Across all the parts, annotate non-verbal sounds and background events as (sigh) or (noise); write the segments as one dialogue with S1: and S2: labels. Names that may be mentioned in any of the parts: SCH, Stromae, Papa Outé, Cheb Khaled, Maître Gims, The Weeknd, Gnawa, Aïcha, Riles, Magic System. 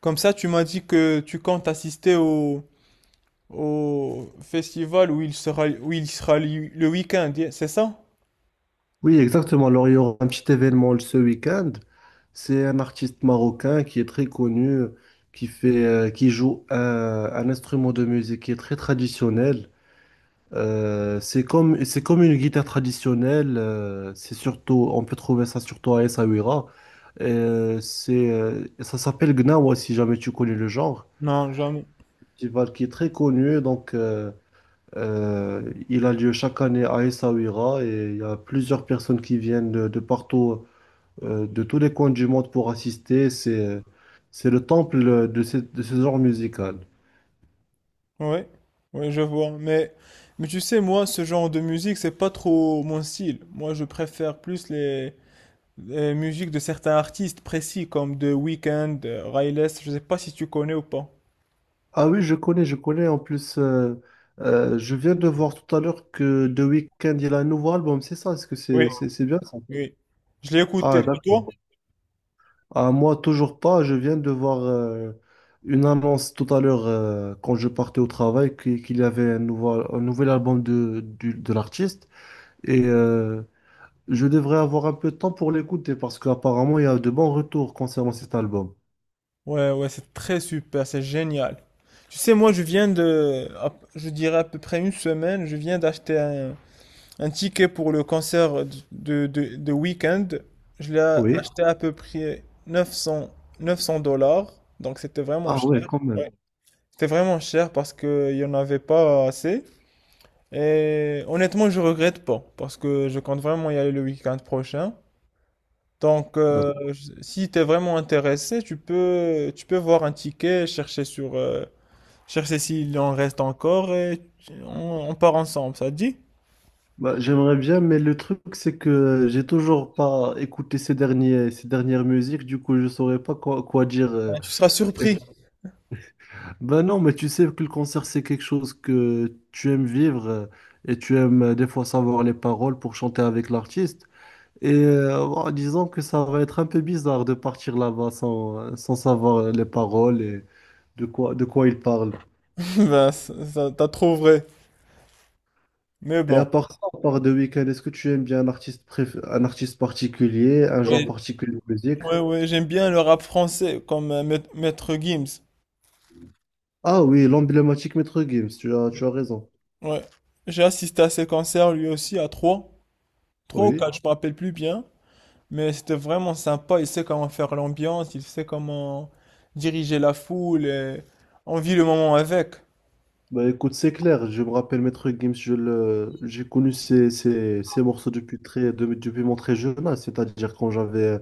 S1: Comme ça, tu m'as dit que tu comptes assister au festival où il sera, le week-end, c'est ça?
S2: Oui, exactement. Alors, il y aura un petit événement ce week-end. C'est un artiste marocain qui est très connu, qui fait, qui joue un instrument de musique qui est très traditionnel. C'est comme une guitare traditionnelle. C'est surtout, on peut trouver ça surtout à Essaouira. Ça s'appelle Gnawa, si jamais tu connais le genre.
S1: Non, jamais.
S2: Festival qui est très connu. Donc, il a lieu chaque année à Essaouira et il y a plusieurs personnes qui viennent de partout, de tous les coins du monde pour assister. C'est le temple de ce genre musical.
S1: Ouais, ouais, je vois. Mais tu sais, moi, ce genre de musique, c'est pas trop mon style. Moi, je préfère plus les musiques de certains artistes précis, comme The Weeknd, Riles. Je sais pas si tu connais ou pas.
S2: Ah oui, je connais, je connais. En plus, je viens de voir tout à l'heure que The Weeknd, il a un nouveau album. C'est ça, est-ce que
S1: Oui,
S2: c'est bien ça?
S1: oui. Je l'ai écouté.
S2: Ah,
S1: Et toi?
S2: d'accord. Ah, moi, toujours pas. Je viens de voir une annonce tout à l'heure quand je partais au travail qu'il y avait un nouvel album de l'artiste. Et je devrais avoir un peu de temps pour l'écouter parce qu'apparemment, il y a de bons retours concernant cet album.
S1: Ouais, ouais, c'est très super, c'est génial. Tu sais, moi, je dirais à peu près une semaine, je viens d'acheter un ticket pour le concert de week-end. Je l'ai
S2: Oui.
S1: acheté à peu près 900 dollars, donc c'était vraiment
S2: Ah ouais,
S1: cher.
S2: quand même.
S1: Ouais. C'était vraiment cher parce qu'il n'y en avait pas assez. Et honnêtement, je regrette pas parce que je compte vraiment y aller le week-end prochain. Donc,
S2: D'accord.
S1: si tu es vraiment intéressé, tu peux voir un ticket, chercher sur, chercher s'il en reste encore et on part ensemble, ça te dit?
S2: Bah, j'aimerais bien, mais le truc, c'est que j'ai toujours pas écouté ces dernières musiques, du coup, je saurais pas quoi dire.
S1: Ben, tu seras surpris.
S2: Ben non, mais tu sais que le concert, c'est quelque chose que tu aimes vivre, et tu aimes, des fois savoir les paroles pour chanter avec l'artiste. Et, en disant que ça va être un peu bizarre de partir là-bas sans savoir les paroles et de quoi ils parlent.
S1: (laughs) Ben, t'as trop vrai. Mais
S2: Et
S1: bon.
S2: à part ça, à part The Weeknd, est-ce que tu aimes bien un artiste particulier, un genre
S1: Ouais,
S2: particulier de musique?
S1: ouais, ouais, j'aime bien le rap français, comme Maître Gims.
S2: Ah oui, l'emblématique Maître Gims, tu as raison.
S1: Ouais. J'ai assisté à ses concerts lui aussi à trois. Trois ou
S2: Oui.
S1: quatre, je me rappelle plus bien. Mais c'était vraiment sympa, il sait comment faire l'ambiance, il sait comment diriger la foule et on vit le moment avec.
S2: Bah écoute, c'est clair, je me rappelle Maître Gims, j'ai connu ses morceaux depuis mon très jeune âge, c'est-à-dire quand j'avais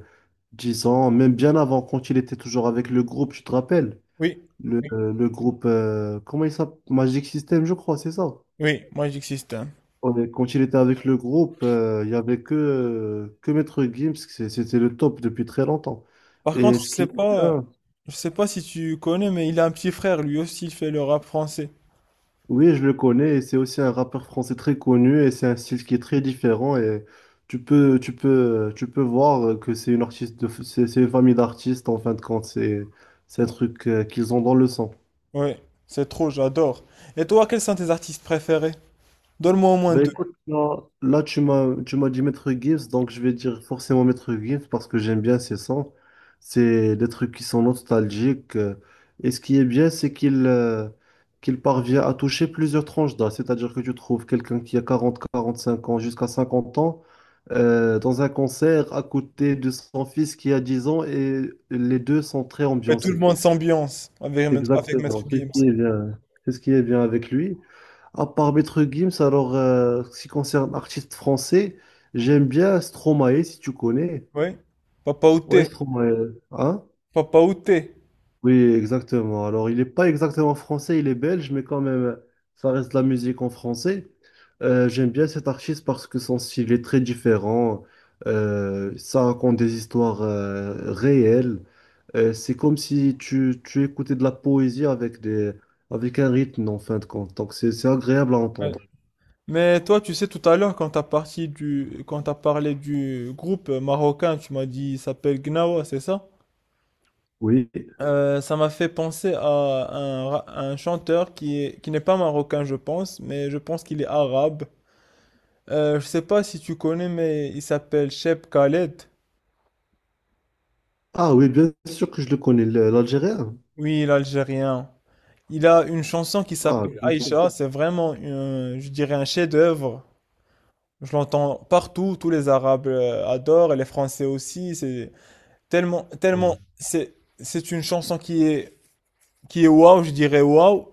S2: 10 ans, même bien avant, quand il était toujours avec le groupe, tu te rappelles?
S1: Oui,
S2: le,
S1: oui,
S2: le groupe, comment il s'appelle? Magic System, je crois, c'est ça.
S1: oui, moi j'existe. Hein.
S2: Quand il était avec le groupe, il n'y avait que Maître Gims, c'était le top depuis très longtemps.
S1: Par
S2: Et
S1: contre,
S2: ce qui est bien,
S1: je sais pas si tu connais, mais il a un petit frère, lui aussi, il fait le rap français.
S2: oui, je le connais, et c'est aussi un rappeur français très connu, et c'est un style qui est très différent, et tu peux voir que c'est c'est une famille d'artistes, en fin de compte, c'est un truc, qu'ils ont dans le sang.
S1: Oui, c'est trop, j'adore. Et toi, quels sont tes artistes préférés? Donne-moi au moins
S2: Ben
S1: deux.
S2: écoute, là, là, tu m'as dit Maître Gibbs, donc je vais dire forcément Maître Gibbs parce que j'aime bien ses sons. C'est des trucs qui sont nostalgiques. Et ce qui est bien, c'est qu'il parvient à toucher plusieurs tranches d'âge. C'est-à-dire que tu trouves quelqu'un qui a 45 ans jusqu'à 50 ans, dans un concert à côté de son fils qui a 10 ans et les deux sont très
S1: Et tout le
S2: ambiancés.
S1: monde s'ambiance avec, avec Maître
S2: Exactement, c'est ce qui
S1: Gims.
S2: est bien, c'est ce qui est bien avec lui. À part Maître Gims, alors, ce qui concerne artiste français, j'aime bien Stromae, si tu connais.
S1: Oui, Papa
S2: Ouais,
S1: Outé,
S2: Stromae, hein?
S1: Papa Outé.
S2: Oui, exactement. Alors, il n'est pas exactement français, il est belge, mais quand même, ça reste de la musique en français. J'aime bien cet artiste parce que son style est très différent. Ça raconte des histoires, réelles. C'est comme si tu écoutais de la poésie avec un rythme en fin de compte. Donc c'est agréable à entendre.
S1: Mais toi, tu sais, tout à l'heure, quand quand t'as parlé du groupe marocain, tu m'as dit, il s'appelle Gnawa, c'est ça?
S2: Oui.
S1: Ça m'a fait penser à un chanteur qui est, qui n'est pas marocain, je pense, mais je pense qu'il est arabe. Je sais pas si tu connais, mais il s'appelle Cheb Khaled.
S2: Ah oui, bien sûr que je le connais, l'Algérien.
S1: Oui, l'Algérien. Il a une chanson qui
S2: Ah,
S1: s'appelle
S2: bien sûr.
S1: Aïcha. C'est vraiment, je dirais, un chef-d'œuvre. Je l'entends partout. Tous les Arabes adorent, et les Français aussi. C'est tellement, tellement,
S2: Ouais.
S1: c'est une chanson qui est waouh, je dirais waouh.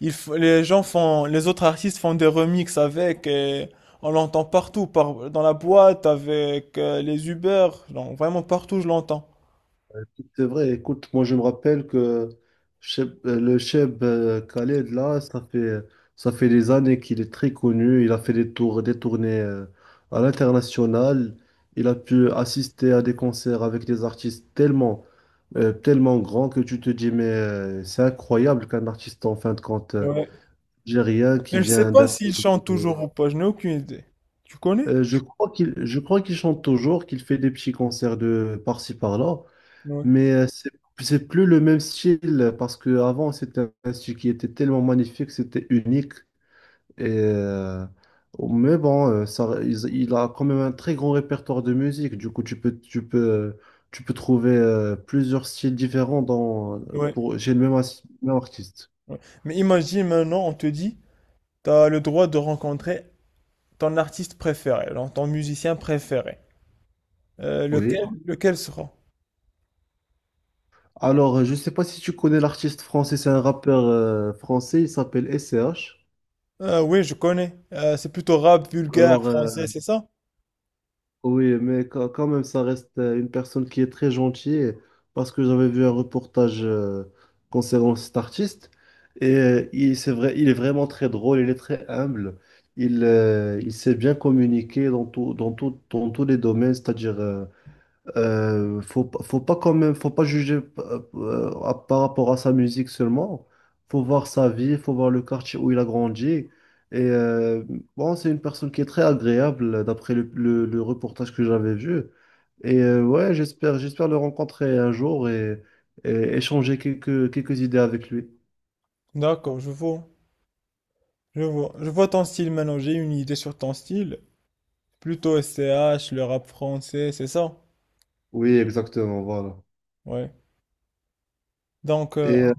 S1: Les gens font, les autres artistes font des remixes avec et on l'entend partout, par, dans la boîte, avec les Uber, non, vraiment partout je l'entends.
S2: C'est vrai, écoute, moi je me rappelle que le Cheb, Khaled, là, ça fait des années qu'il est très connu. Il a fait des tournées, à l'international. Il a pu assister à des concerts avec des artistes tellement grands que tu te dis, mais, c'est incroyable qu'un artiste, en fin de compte,
S1: Ouais.
S2: algérien
S1: Mais
S2: qui
S1: je sais
S2: vient
S1: pas
S2: d'un
S1: s'il
S2: pays.
S1: chante toujours ou pas, je n'ai aucune idée. Tu connais?
S2: Je crois qu'il chante toujours, qu'il fait des petits concerts de par-ci par-là.
S1: Ouais.
S2: Mais, c'est plus le même style, parce que avant c'était un style qui était tellement magnifique, c'était unique. Et, euh, mais bon, il a quand même un très grand répertoire de musique. Du coup, tu peux trouver, plusieurs styles différents
S1: Ouais.
S2: chez le même, même artiste.
S1: Ouais. Mais imagine maintenant, on te dit, t'as le droit de rencontrer ton artiste préféré, donc ton musicien préféré.
S2: Oui.
S1: Lequel sera?
S2: Alors, je ne sais pas si tu connais l'artiste français, c'est un rappeur, français, il s'appelle SCH.
S1: Ah oui, je connais. C'est plutôt rap vulgaire
S2: Alors, euh,
S1: français, c'est ça?
S2: Oui, mais quand même, ça reste, une personne qui est très gentille, parce que j'avais vu un reportage, concernant cet artiste et c'est vrai, il est vraiment très drôle, il est très humble, il sait bien communiquer dans tout, dans tous les domaines, c'est-à-dire, faut pas quand même, faut pas juger, par rapport à sa musique seulement. Faut voir sa vie, faut voir le quartier où il a grandi. Et, bon, c'est une personne qui est très agréable d'après le reportage que j'avais vu. Et, ouais, j'espère le rencontrer un jour et, échanger quelques idées avec lui.
S1: D'accord, je vois. Je vois. Je vois ton style maintenant. J'ai une idée sur ton style. Plutôt SCH, le rap français, c'est ça?
S2: Oui, exactement, voilà.
S1: Ouais. Donc,
S2: Et,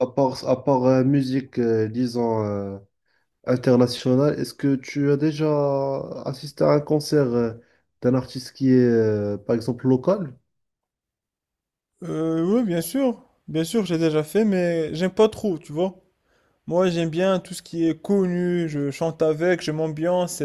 S2: à part, musique, disons. International. Est-ce que tu as déjà assisté à un concert, d'un artiste qui est, par exemple, local?
S1: oui, bien sûr. Bien sûr, j'ai déjà fait, mais j'aime pas trop, tu vois. Moi, j'aime bien tout ce qui est connu. Je chante avec, je m'ambiance.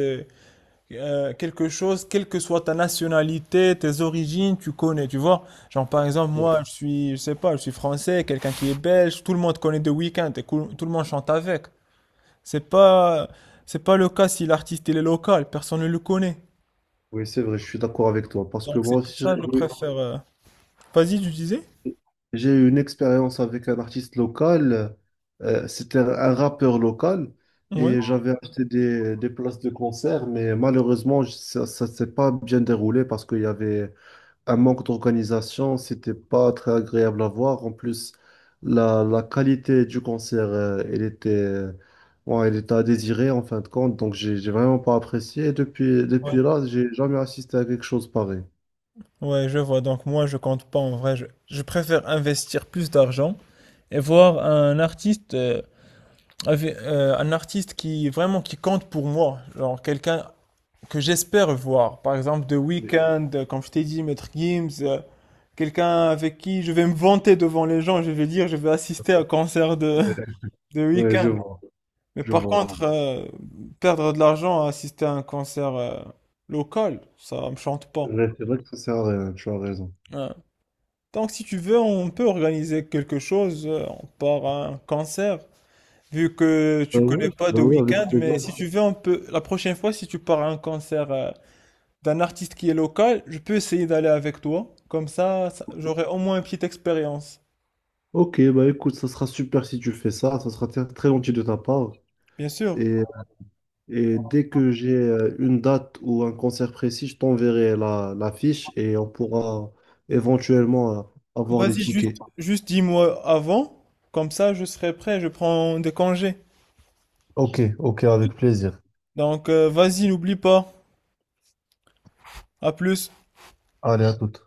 S1: Euh, quelque chose, quelle que soit ta nationalité, tes origines, tu connais, tu vois. Genre, par exemple,
S2: Oui,
S1: moi, je sais pas, je suis français, quelqu'un qui est belge, tout le monde connaît The Weeknd et tout le monde chante avec. C'est pas, c'est pas le cas si l'artiste il est local, personne ne le connaît.
S2: oui, c'est vrai, je suis d'accord avec toi. Parce que
S1: Donc, c'est
S2: moi
S1: pour
S2: aussi,
S1: ça que je
S2: j'ai eu
S1: préfère. Euh, vas-y, tu disais?
S2: j'ai eu une expérience avec un artiste local. C'était un rappeur local.
S1: Ouais.
S2: Et j'avais acheté des places de concert, mais malheureusement, ça ne s'est pas bien déroulé parce qu'il y avait un manque d'organisation, c'était pas très agréable à voir. En plus, la qualité du concert, ouais, elle était à désirer en fin de compte, donc j'ai vraiment pas apprécié. Et depuis
S1: Ouais.
S2: là, j'ai jamais assisté à quelque chose pareil.
S1: Ouais, je vois. Donc, moi, je compte pas en vrai. Je préfère investir plus d'argent et voir un artiste. Euh, avec, un artiste qui vraiment qui compte pour moi, genre quelqu'un que j'espère voir. Par exemple, The
S2: Oui,
S1: Weeknd, comme je t'ai dit, Maître Gims, quelqu'un avec qui je vais me vanter devant les gens, je vais dire, je vais assister à un concert de,
S2: oui,
S1: (laughs) de
S2: oui, je
S1: Weeknd.
S2: vois,
S1: Mais
S2: je
S1: par
S2: vois.
S1: contre, perdre de l'argent à assister à un concert local, ça me chante pas.
S2: Ouais, c'est vrai que ça sert à rien, tu as raison.
S1: Ouais. Donc, si tu veux, on peut organiser quelque chose, on part à un concert. Vu que tu connais pas
S2: Bah
S1: The
S2: oui, avec
S1: Weeknd, mais
S2: plaisir.
S1: si tu veux, on peut, la prochaine fois, si tu pars à un concert, d'un artiste qui est local, je peux essayer d'aller avec toi. Comme ça, j'aurai au moins une petite expérience.
S2: Ok, bah écoute, ça sera super si tu fais ça, ça sera très très gentil de ta part.
S1: Bien sûr.
S2: Et Et dès que j'ai, une date ou un concert précis, je t'enverrai la fiche et on pourra éventuellement, avoir des
S1: Vas-y,
S2: tickets.
S1: juste dis-moi avant. Comme ça, je serai prêt. Je prends des congés.
S2: Ok, ok, avec plaisir.
S1: Donc, vas-y, n'oublie pas. À plus.
S2: Allez, à toute.